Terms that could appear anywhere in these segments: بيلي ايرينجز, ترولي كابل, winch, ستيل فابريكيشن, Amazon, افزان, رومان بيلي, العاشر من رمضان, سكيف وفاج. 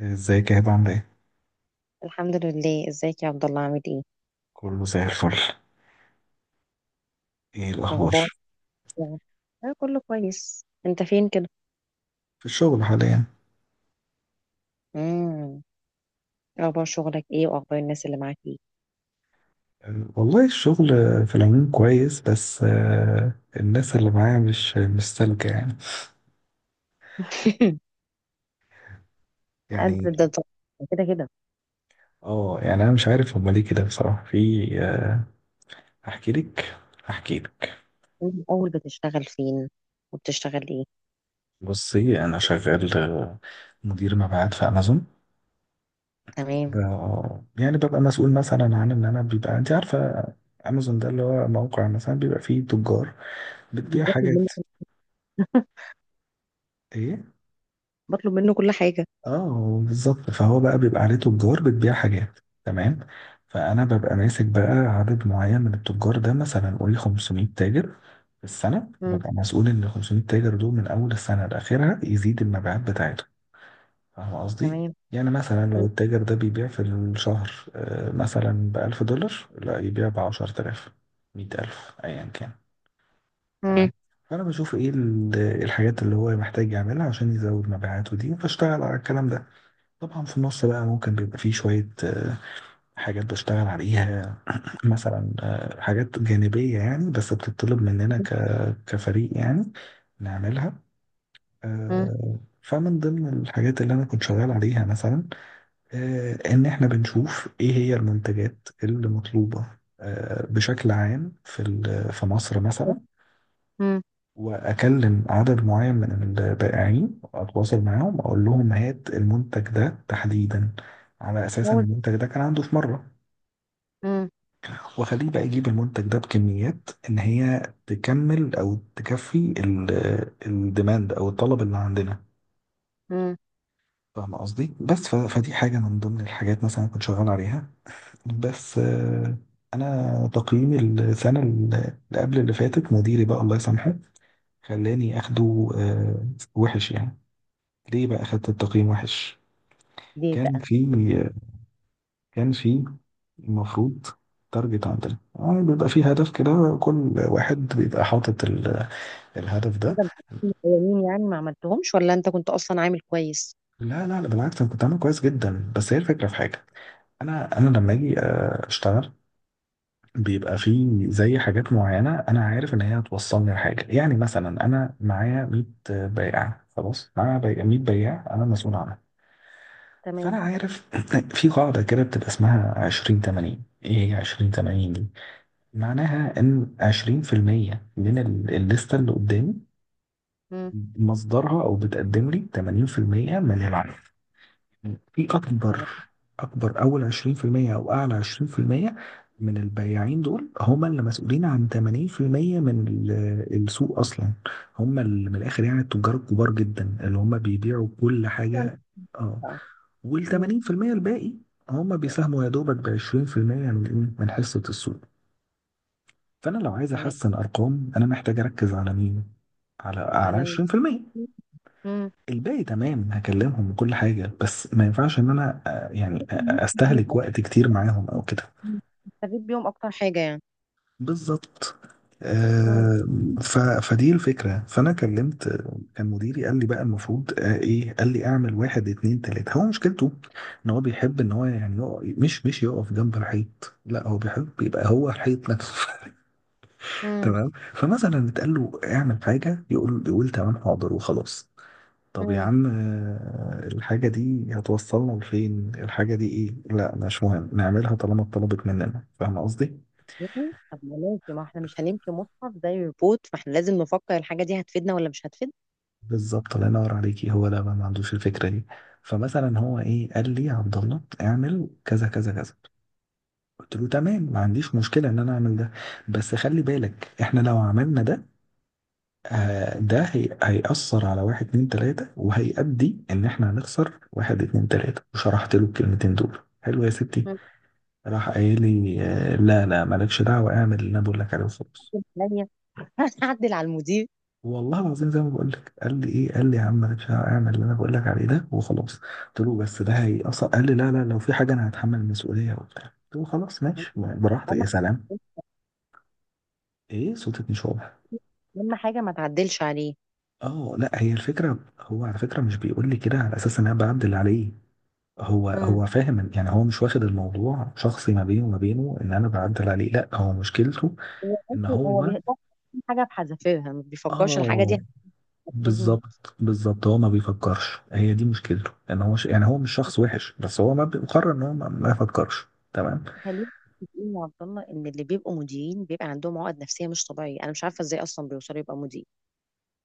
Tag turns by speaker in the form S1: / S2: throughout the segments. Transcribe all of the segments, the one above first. S1: ازيك يا هبة عاملة ايه؟
S2: الحمد لله. ازيك يا عبد الله، عامل ايه؟
S1: كله زي الفل. ايه الأخبار؟
S2: اخبار، اه كله كويس. انت فين كده؟
S1: في الشغل حاليا.
S2: امم اخبار شغلك ايه، واخبار الناس اللي معاك ايه؟
S1: والله الشغل في العموم كويس، بس الناس اللي معايا مش سالكة
S2: قد
S1: يعني
S2: ده طبعاً. كده كده.
S1: اه يعني أنا مش عارف هما ليه كده بصراحة، في أحكي لك أحكي لك.
S2: من اول بتشتغل فين، وبتشتغل ايه؟
S1: بصي أنا شغال مدير مبيعات في أمازون.
S2: تمام.
S1: يعني ببقى مسؤول مثلا عن إن أنا بيبقى، أنت عارفة أمازون ده اللي هو موقع مثلا بيبقى فيه تجار بتبيع
S2: بطلب
S1: حاجات.
S2: منه.
S1: ايه،
S2: بطلب منه كل حاجه.
S1: اه بالظبط، فهو بقى بيبقى عليه تجار بتبيع حاجات، تمام. فانا ببقى ماسك بقى عدد معين من التجار ده، مثلا قولي 500 تاجر في السنه،
S2: امم
S1: ببقى مسؤول ان ال 500 تاجر دول من اول السنه لاخرها يزيد المبيعات بتاعته، فاهم قصدي؟
S2: تمام.
S1: يعني مثلا لو
S2: مم.
S1: التاجر ده بيبيع في الشهر مثلا ب 1000 دولار، لا يبيع ب 10000، 100000، ايا كان،
S2: مم.
S1: تمام. فانا بشوف ايه الحاجات اللي هو محتاج يعملها عشان يزود مبيعاته دي، فاشتغل على الكلام ده. طبعا في النص بقى ممكن بيبقى فيه شوية حاجات بشتغل عليها. مثلا حاجات جانبية يعني، بس بتطلب مننا كفريق يعني نعملها.
S2: مم.
S1: فمن ضمن الحاجات اللي أنا كنت شغال عليها مثلا إن إحنا بنشوف إيه هي المنتجات اللي مطلوبة بشكل عام في في مصر مثلا.
S2: مم.
S1: واكلم عدد معين من البائعين واتواصل معاهم، اقول لهم هات المنتج ده تحديدا على اساس ان
S2: هو ده.
S1: المنتج ده كان عنده في مره،
S2: مم.
S1: واخليه بقى يجيب المنتج ده بكميات ان هي تكمل او تكفي الديماند او الطلب اللي عندنا،
S2: مم.
S1: فاهم قصدي؟ بس فدي حاجه من ضمن الحاجات مثلا كنت شغال عليها. بس انا تقييمي السنه اللي قبل اللي فاتت، مديري بقى الله يسامحه خلاني اخده وحش يعني. ليه بقى خدت التقييم وحش؟
S2: ليه
S1: كان
S2: بقى؟
S1: في كان في المفروض، تارجت عندنا، آه بيبقى في هدف كده، كل واحد بيبقى حاطط الهدف ده.
S2: بدل الاولين يعني ما عملتهمش، ولا انت كنت اصلا عامل كويس؟
S1: لا لا لا، بالعكس انا كنت عامل كويس جدا، بس هي الفكره في حاجه. انا لما اجي اشتغل، بيبقى في زي حاجات معينه انا عارف ان هي هتوصلني لحاجه. يعني مثلا انا معايا 100 بائع، خلاص معايا 100 بياع انا مسؤول عنهم. فانا
S2: تمام.
S1: عارف في قاعده كده بتبقى اسمها 20 80. ايه هي 20 80 دي؟ معناها ان 20% من الليسته اللي قدامي
S2: مم.
S1: مصدرها، او بتقدم لي 80% من العدد. في اكبر
S2: تمام.
S1: اكبر اول 20% او اعلى 20% من البياعين دول هم اللي مسؤولين عن 80% من السوق اصلا، هم اللي من الاخر يعني التجار الكبار جدا اللي هم بيبيعوا كل حاجه، اه. وال
S2: مم.
S1: 80% الباقي هم بيساهموا يا دوبك ب 20% من ايه، من حصة السوق. فانا لو عايز
S2: تمام.
S1: احسن ارقام انا محتاج اركز على مين؟ على
S2: على ال...
S1: 20%
S2: مم.
S1: الباقي، تمام، هكلمهم وكل حاجة. بس ما ينفعش ان انا يعني
S2: بحس إن هي
S1: استهلك
S2: مفيدة.
S1: وقت كتير معاهم او كده،
S2: مم. نستفيد بيهم اكتر حاجه يعني.
S1: بالظبط.
S2: مم.
S1: آه، فدي الفكرة. فأنا كلمت، كان مديري قال لي بقى المفروض إيه، قال لي أعمل واحد اتنين تلاتة. هو مشكلته إن هو بيحب إن هو يعني يقف، مش يقف جنب الحيط، لا هو بيحب يبقى هو الحيط نفسه.
S2: مم.
S1: تمام. فمثلا اتقال له اعمل حاجة، يقول تمام حاضر وخلاص. طب يا
S2: مم.
S1: عم الحاجة دي هتوصلنا لفين؟ الحاجة دي إيه؟ لا مش مهم نعملها طالما اتطلبت مننا، فاهم قصدي؟
S2: مم. طب ما ماشي، ما احنا مش هنمشي مصحف زي ريبوت، فاحنا لازم نفكر الحاجه دي هتفيدنا ولا مش هتفيدنا.
S1: بالظبط، الله ينور عليكي، هو ده بقى ما عندوش الفكره دي. فمثلا هو ايه، قال لي يا عبد الله اعمل كذا كذا كذا. قلت له تمام، ما عنديش مشكله ان انا اعمل ده، بس خلي بالك احنا لو عملنا ده آه ده هي هيأثر على واحد اتنين تلاته، وهيؤدي ان احنا هنخسر واحد اتنين تلاته، وشرحت له الكلمتين دول حلو يا ستي.
S2: مم.
S1: راح قايل لي آه لا لا مالكش دعوه، اعمل اللي انا بقول لك عليه وخلاص.
S2: هتعدل عليا، هتعدل على المدير.
S1: والله العظيم زي ما بقول لك، قال لي ايه، قال لي يا عم انا مش هعمل اللي انا بقول لك عليه ده وخلاص. قلت له بس ده هي اصلا، قال لي لا لا لو في حاجه انا هتحمل المسؤوليه وبتاع. قلت له خلاص
S2: مم.
S1: ماشي براحتك،
S2: اهم
S1: يا سلام. ايه صوتك مش واضح؟
S2: أهم حاجه ما تعدلش عليه.
S1: اه لا، هي الفكره، هو على فكره مش بيقول لي كده على اساس ان انا بعدل عليه. هو
S2: مم.
S1: هو فاهم يعني، هو مش واخد الموضوع شخصي ما بينه وما بينه ان انا بعدل عليه، لا هو مشكلته ان
S2: هو
S1: هو
S2: بيفكر في حاجه بحذافيرها، ما بيفكرش الحاجه
S1: اه.
S2: دي هتفيدني.
S1: بالظبط بالظبط هو ما بيفكرش، هي دي مشكلته، ان هو يعني هو مش شخص وحش، بس هو ما بيقرر ان هو ما, ما يفكرش، تمام.
S2: خلينا متفقين يا عبد الله ان اللي بيبقوا مديرين بيبقى عندهم عقد نفسيه مش طبيعيه، انا مش عارفه ازاي اصلا بيوصلوا يبقى مدير.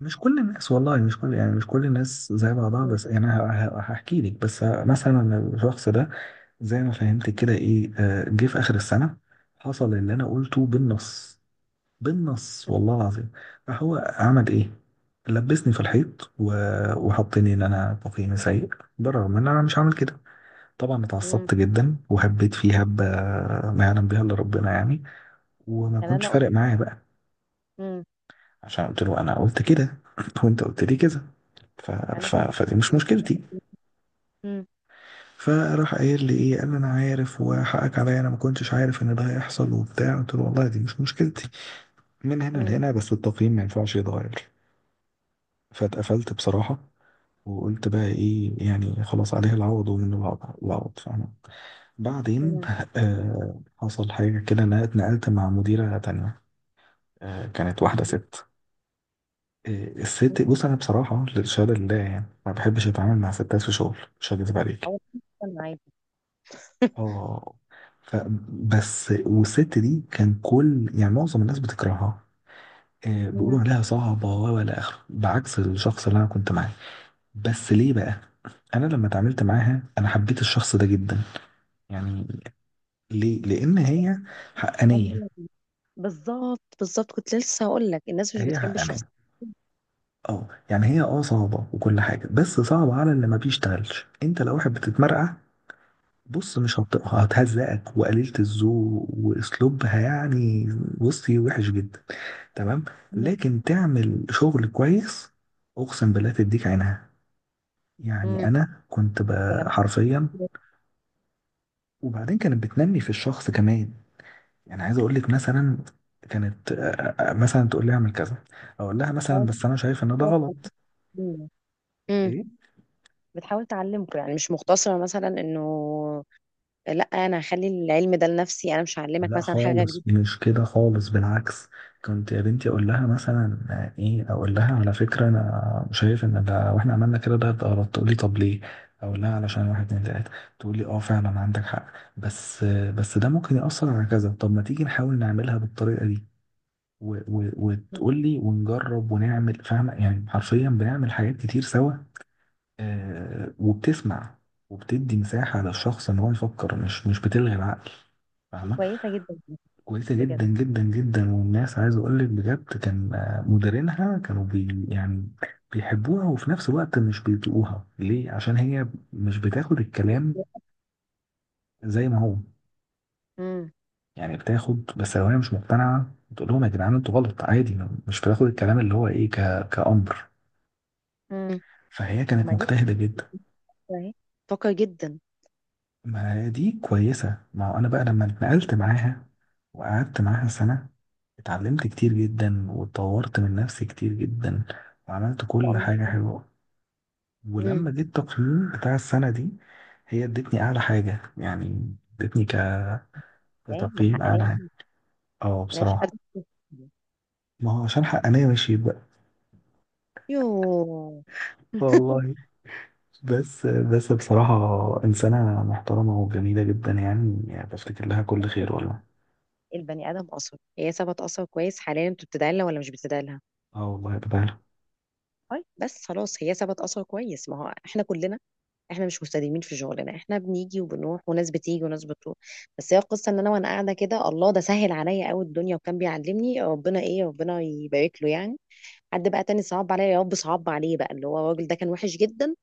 S1: مش كل الناس والله، مش كل يعني مش كل الناس زي بعضها. بس يعني انا هحكي لك. بس مثلا الشخص ده زي ما فهمت كده ايه، جه في اخر السنه حصل اللي انا قلته بالنص، بالنص والله العظيم. فهو عمل ايه؟ لبسني في الحيط وحطني ان انا تقييمي سيء، بالرغم ان انا مش عامل كده. طبعا
S2: امم
S1: اتعصبت جدا وهبيت فيه هبة ما يعلم بها الا ربنا يعني، وما
S2: يعني
S1: كنتش
S2: انا قلت.
S1: فارق معايا بقى
S2: امم
S1: عشان قلت له انا قلت كده وانت قلت لي كده، ف...
S2: انا فاهمه.
S1: فدي مش مشكلتي.
S2: امم
S1: فراح قايل لي ايه، قال لي انا عارف وحقك عليا، انا ما كنتش عارف ان ده هيحصل وبتاع. قلت له والله دي مش مشكلتي، من هنا
S2: امم
S1: لهنا، بس التقييم ما ينفعش يتغير. فاتقفلت بصراحة، وقلت بقى ايه يعني، خلاص عليه العوض ومنه العوض، العوض، فاهمة. بعدين
S2: امم
S1: آه حصل حاجة كده، انا اتنقلت مع مديرة تانية. كانت واحدة ست. الست، بص أنا بصراحة للشهادة لله يعني ما بحبش أتعامل مع ستات في شغل، مش هكذب عليك.
S2: اول حاجة انا عادي.
S1: اه، ف بس والست دي كان كل يعني معظم الناس بتكرهها، بيقولوا
S2: امم
S1: عليها صعبة ولا آخره، بعكس الشخص اللي أنا كنت معاه. بس ليه بقى؟ أنا لما اتعاملت معاها أنا حبيت الشخص ده جدا يعني. ليه؟ لأن هي
S2: أنا
S1: حقانية.
S2: أقول لك. بالظبط بالظبط، كنت لسه هقول لك الناس مش
S1: هي
S2: بتحب الشخص.
S1: حقانية. اه يعني هي اه صعبة وكل حاجة، بس صعبة على اللي ما بيشتغلش. انت لو واحد بتتمرقع، بص مش هتهزقك، وقليلة الذوق واسلوبها يعني بصي وحش جدا، تمام.
S2: امم
S1: لكن تعمل شغل كويس، اقسم بالله تديك عينها يعني.
S2: امم
S1: انا كنت
S2: يا جماعه.
S1: حرفيا. وبعدين كانت بتنمي في الشخص كمان، يعني عايز اقول لك مثلا، كانت مثلا تقول لي اعمل كذا، اقول لها مثلا
S2: بتحاول
S1: بس انا شايف ان ده غلط،
S2: تعلمه. امم
S1: ايه
S2: بتحاول تعلمكم يعني، مش مقتصره مثلا انه لا انا هخلي العلم ده لنفسي، انا مش هعلمك
S1: لا
S2: مثلا حاجه
S1: خالص
S2: جديده.
S1: مش كده خالص، بالعكس. كنت يا بنتي اقول لها مثلا ايه، اقول لها على فكره انا شايف ان ده، واحنا عملنا كده ده غلط، تقول لي طب ليه؟ اقول لها علشان واحد اتنين تلاته، تقول لي اه فعلا عندك حق، بس بس ده ممكن ياثر على كذا، طب ما تيجي نحاول نعملها بالطريقه دي، و و وتقول لي، ونجرب ونعمل، فاهمه؟ يعني حرفيا بنعمل حاجات كتير سوا. آه، وبتسمع، وبتدي مساحه للشخص ان هو يفكر، مش بتلغي العقل،
S2: دي
S1: فاهمه؟
S2: كويسه جدا.
S1: كويسة جدا
S2: بجد.
S1: جدا جدا، والناس عايز اقول لك بجد كان مديرينها كانوا بي يعني، بيحبوها وفي نفس الوقت مش بيطيقوها. ليه؟ عشان هي مش بتاخد الكلام زي ما هو
S2: امم
S1: يعني، بتاخد بس لو هي مش مقتنعة بتقول لهم يا جدعان انتوا غلط، عادي. مش بتاخد الكلام اللي هو ايه كأمر.
S2: امم
S1: فهي
S2: طب
S1: كانت
S2: ما دي
S1: مجتهدة جدا.
S2: فكرة اهي، فكر جدا ما
S1: ما هي دي كويسة، ما هو أنا بقى لما اتنقلت معاها وقعدت معاها سنة، اتعلمت كتير جدا واتطورت من نفسي كتير جدا، وعملت
S2: شاء
S1: كل
S2: الله.
S1: حاجة حلوة.
S2: امم
S1: ولما جيت التقييم بتاع السنة دي، هي ادتني أعلى حاجة يعني، ادتني
S2: ايه ما
S1: كتقييم
S2: حقناش.
S1: أعلى حاجة. اه
S2: انا شفت.
S1: بصراحة، ما هو عشان حقانية، ماشي بقى.
S2: يو.
S1: والله، بس بصراحة إنسانة محترمة وجميلة جدا يعني، يعني بفتكر لها كل خير والله.
S2: البني ادم اثر، هي سابت اثر كويس. حاليا انتوا بتدعي لها ولا مش بتدعي لها؟
S1: اه والله يا بدر،
S2: طيب، بس خلاص هي سابت اثر كويس. ما هو احنا كلنا، احنا مش مستديمين في شغلنا، احنا بنيجي وبنروح، وناس بتيجي وناس بتروح. بس هي القصه ان انا وانا قاعده كده، الله ده سهل عليا قوي الدنيا، وكان بيعلمني ربنا ايه، ربنا يبارك له يعني. حد بقى تاني صعب عليا يا رب، صعب عليه بقى اللي هو الراجل ده، كان وحش جدا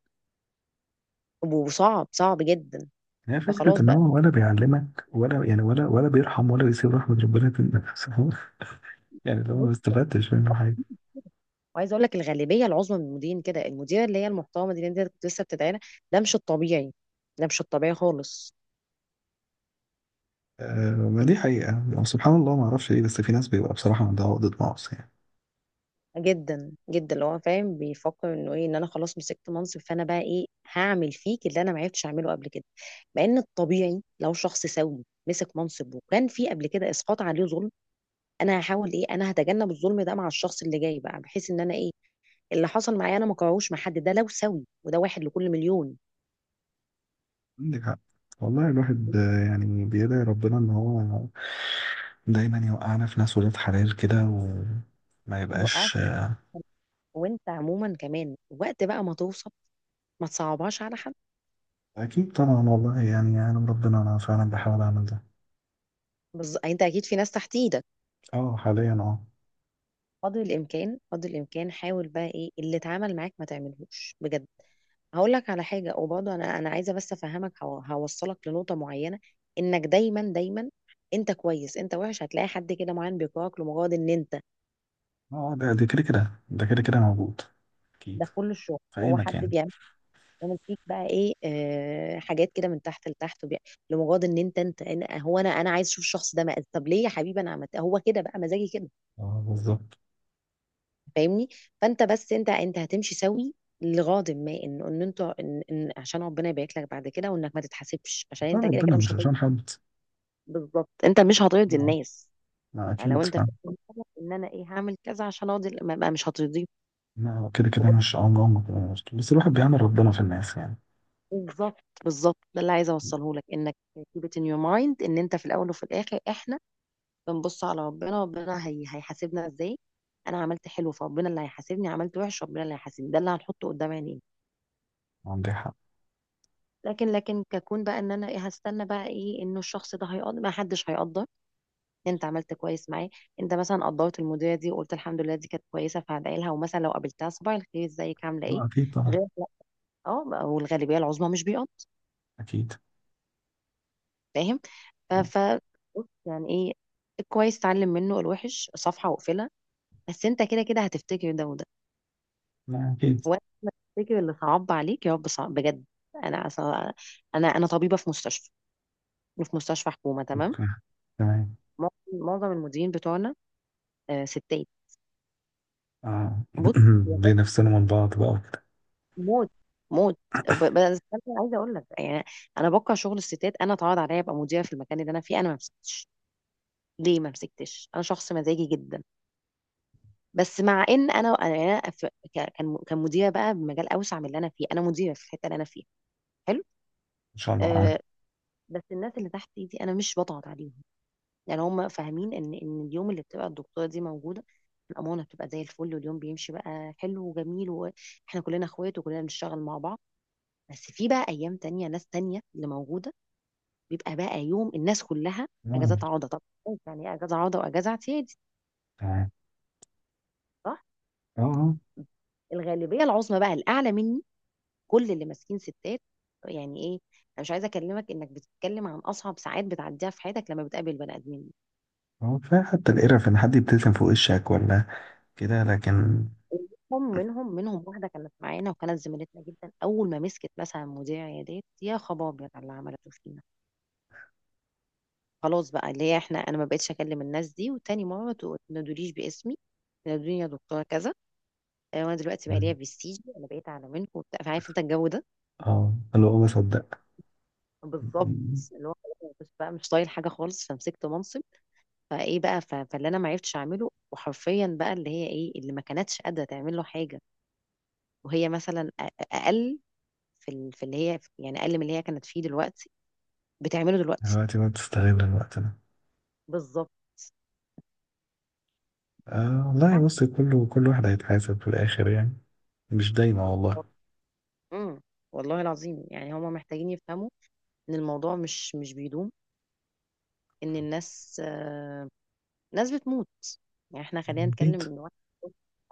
S2: وصعب صعب جدا.
S1: هي فكرة
S2: فخلاص
S1: إن
S2: بقى.
S1: هو ولا بيعلمك ولا يعني ولا بيرحم ولا بيسيب رحمة ربنا تنسى يعني لو ما استفدتش منه حاجة،
S2: وعايزه اقول لك الغالبيه العظمى من المديرين كده. المديره اللي هي المحترمه دي اللي انت كنت لسه بتدعينا، ده مش الطبيعي، ده مش الطبيعي خالص.
S1: آه ما دي حقيقة. يعني سبحان الله، ما أعرفش ليه بس في ناس بيبقى بصراحة عندها عقدة نقص يعني.
S2: جدا جدا، اللي هو فاهم بيفكر انه ايه، ان انا خلاص مسكت منصب، فانا بقى ايه، هعمل فيك اللي انا ما عرفتش اعمله قبل كده. مع ان الطبيعي لو شخص سوي مسك منصب، وكان في قبل كده اسقاط عليه ظلم، انا هحاول ايه، انا هتجنب الظلم ده مع الشخص اللي جاي بقى، بحيث ان انا ايه اللي حصل معايا انا ما كرهوش مع حد. ده لو سوي، وده واحد لكل مليون.
S1: عندك حق والله. الواحد يعني بيدعي ربنا إن هو دايما يوقعنا في ناس ولاد حلال كده، وما
S2: يوقعك.
S1: يبقاش
S2: وانت عموما كمان وقت بقى ما توصل، ما تصعبهاش على حد.
S1: أكيد طبعا، والله يعني يعلم ربنا أنا فعلا بحاول أعمل ده.
S2: بس انت اكيد في ناس تحت ايدك.
S1: أه حاليا، أه.
S2: قدر الامكان قدر الامكان، حاول بقى ايه اللي اتعامل معاك ما تعملهوش بجد. هقول لك على حاجه، وبرضه انا عايزه بس افهمك، هوصلك لنقطه معينه. انك دايما دايما انت كويس، انت وحش، هتلاقي حد كده معين بيكرهك لمجرد ان انت
S1: أه، ده كده كده ده كده كده موجود، أكيد،
S2: ده في كل الشغل.
S1: في أي
S2: هو حد
S1: مكان.
S2: بيعمل. بيعمل فيك بقى ايه، حاجات كده من تحت لتحت، لمجرد ان انت انت، أنا- هو انا انا عايز اشوف الشخص ده مقز. طب ليه يا حبيبي؟ انا عملت. هو كده بقى، مزاجي كده.
S1: اه بالظبط،
S2: فاهمني؟ فانت بس، انت هتمشي سوي. لغاض ما ان انتوا، إن عشان ربنا يبارك لك بعد كده، وانك ما تتحاسبش، عشان
S1: عشان
S2: انت كده
S1: ربنا
S2: كده مش
S1: مش
S2: هترضي.
S1: عشان حد.
S2: بالظبط، انت مش هترضي
S1: لا،
S2: الناس.
S1: لا
S2: يعني لو
S1: أكيد،
S2: انت
S1: فاهم.
S2: فاهم ان انا ايه، هعمل كذا عشان ارضي، مش هترضيه.
S1: لا هو كده كده مش عمري كده بس الواحد بيعمل ربنا في الناس يعني.
S2: بالظبط بالظبط، ده اللي عايزه اوصله لك، انك keep it in your mind، ان انت في الاول وفي الاخر احنا بنبص على ربنا. ربنا هيحاسبنا ازاي؟ انا عملت حلو، فربنا اللي هيحاسبني. عملت وحش، ربنا اللي هيحاسبني. ده اللي هنحطه قدام عينينا.
S1: عندي حق.
S2: لكن ككون بقى ان انا إيه، هستنى بقى ايه، انه الشخص ده هيقدر، ما حدش هيقدر إن انت عملت كويس معاه. انت مثلا قدرت المديره دي وقلت الحمد لله دي كانت كويسه، فهدعي لها. ومثلا لو قابلتها، صباح الخير ازيك عامله ايه،
S1: لا أكيد طبعا.
S2: غير لا. اه، والغالبيه العظمى مش بيقض.
S1: أكيد.
S2: فاهم. ف ف- بص يعني ايه، الكويس اتعلم منه، الوحش صفحه واقفلها. بس انت كده كده هتفتكر ده وده.
S1: لا أكيد.
S2: وقت ما تفتكر اللي صعب عليك يا رب صعب بجد. انا أصلاً- انا انا طبيبه في مستشفى، في مستشفى حكومه. تمام.
S1: أوكي، تمام.
S2: معظم معظم المديرين بتوعنا ستات.
S1: آه.
S2: بص. يا كانت
S1: بنفسنا من بعض بقى وكده.
S2: موت موت. بس انا عايزه اقول لك يعني انا بكره شغل الستات. انا اتعرض عليا ابقى مديره في المكان اللي انا فيه، انا ما مسكتش. ليه ما مسكتش؟ انا شخص مزاجي جدا. بس مع ان انا انا أنا في- ك- كان كان مديره بقى بمجال اوسع من اللي انا فيه. انا مديره في الحته اللي انا فيها. حلو.
S1: إن شاء الله. آه.
S2: أه. بس الناس اللي تحت دي انا مش بضغط عليهم. يعني هم فاهمين ان اليوم اللي بتبقى الدكتوره دي موجوده، الامانه بتبقى زي الفل، واليوم بيمشي بقى حلو وجميل، واحنا كلنا اخوات وكلنا بنشتغل مع بعض. بس في بقى ايام تانية ناس تانية اللي موجوده، بيبقى بقى يوم الناس كلها
S1: آه،
S2: اجازات عوضه. طب يعني ايه اجازه عوضه واجازه اعتيادي؟
S1: تمام.
S2: صح.
S1: آه آه.
S2: الغالبيه العظمى بقى الاعلى مني كل اللي ماسكين ستات. يعني ايه، انا مش عايزه اكلمك، انك بتتكلم عن اصعب ساعات بتعديها في حياتك لما بتقابل بني ادمين.
S1: كفاية حتى القرف إن حد يبتسم في وشك ولا كده، لكن.
S2: هم منهم واحده كانت معانا وكانت زميلتنا جدا، اول ما مسكت مثلا مذيع عيادات، يا خباب يا جدع اللي عملته فينا. خلاص بقى، اللي هي احنا انا ما بقتش اكلم الناس دي، وتاني ماما، ما تنادوليش باسمي، تنادوني يا دكتوره كذا، انا دلوقتي بقى ليا
S1: مم.
S2: برستيج، انا بقيت اعلى منكم وبتاع. فعارف انت الجو ده؟
S1: آه اللي هو بصدق.
S2: بالظبط.
S1: مم.
S2: اللي هو خلاص مش بقى مش طايل حاجه خالص، فمسكت منصب. فايه بقى، فاللي انا ما عرفتش اعمله وحرفيا بقى، اللي هي ايه اللي ما كانتش قادره تعمل له حاجه، وهي مثلا اقل، في اللي هي يعني اقل من اللي هي كانت فيه دلوقتي، بتعمله دلوقتي.
S1: دلوقتي بقى بتستغل الوقت ده.
S2: بالظبط
S1: آه والله، بص كله، كل واحد هيتحاسب في الآخر يعني. مش دايما
S2: بالظبط.
S1: والله.
S2: امم. والله العظيم يعني هما محتاجين يفهموا ان الموضوع مش بيدوم، ان الناس ناس بتموت. يعني احنا خلينا
S1: أكيد.
S2: نتكلم ان واحد،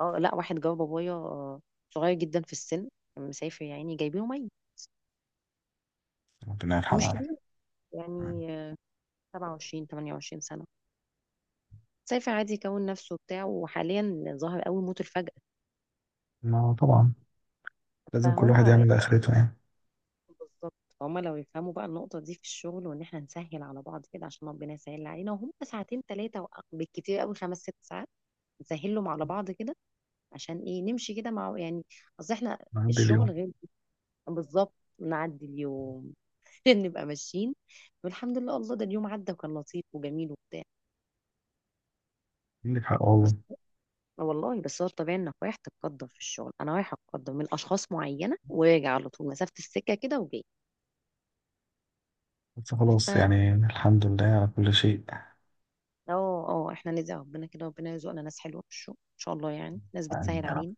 S2: اه لا، واحد جاب بابايا صغير جدا في السن، كان مسافر يا عيني جايبينه ميت.
S1: ربنا يرحمه
S2: مش
S1: يا
S2: كبير
S1: رب.
S2: يعني، 27 28 سنة. مسافر عادي يكون نفسه وبتاع، وحاليا ظاهر قوي موت الفجأة.
S1: ما طبعا لازم كل
S2: فهم.
S1: واحد يعمل لآخرته يعني.
S2: بالظبط. هما لو يفهموا بقى النقطة دي في الشغل، وإن إحنا نسهل على بعض كده عشان ربنا يسهل علينا. وهم ساعتين تلاتة، بالكتير قوي خمس ست ساعات، نسهلهم على بعض كده. عشان ايه، نمشي كده مع يعني اصل احنا
S1: نعدي
S2: الشغل
S1: اليوم.
S2: غير. بالظبط. نعدي اليوم. نبقى ماشيين، والحمد لله الله ده اليوم عدى وكان لطيف وجميل وبتاع.
S1: عندك حق
S2: بس
S1: والله.
S2: والله، بس هو الطبيعي انك رايح تتقدر في الشغل، انا رايحه اتقدر من اشخاص معينه، وراجع على طول مسافه السكه كده وجاي.
S1: بس
S2: ف
S1: خلاص
S2: اه،
S1: يعني الحمد لله على كل شيء.
S2: اه احنا نرزق ربنا كده، ربنا يرزقنا ناس حلوه في الشغل ان شاء الله، يعني ناس
S1: يعني
S2: بتسهل
S1: يا رب،
S2: علينا،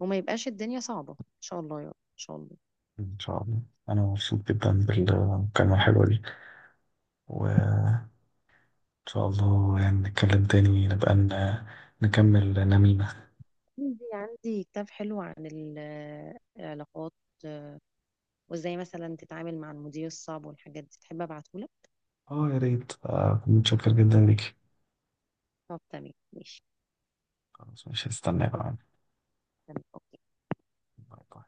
S2: وما يبقاش الدنيا صعبه ان شاء الله يا رب، ان شاء الله.
S1: إن شاء الله. أنا مبسوط جدا بالمكالمة الحلوة دي، وإن شاء الله يعني نتكلم تاني، نبقى نكمل نميمة.
S2: عندي كتاب حلو عن العلاقات، وازاي مثلا تتعامل مع المدير الصعب والحاجات دي. تحب ابعتهولك؟
S1: اه يا ريت كنت متشكر جدا ليك.
S2: طب تمام ماشي.
S1: خلاص مش هستناك
S2: اوكي.
S1: بقى.
S2: تمام.
S1: باي باي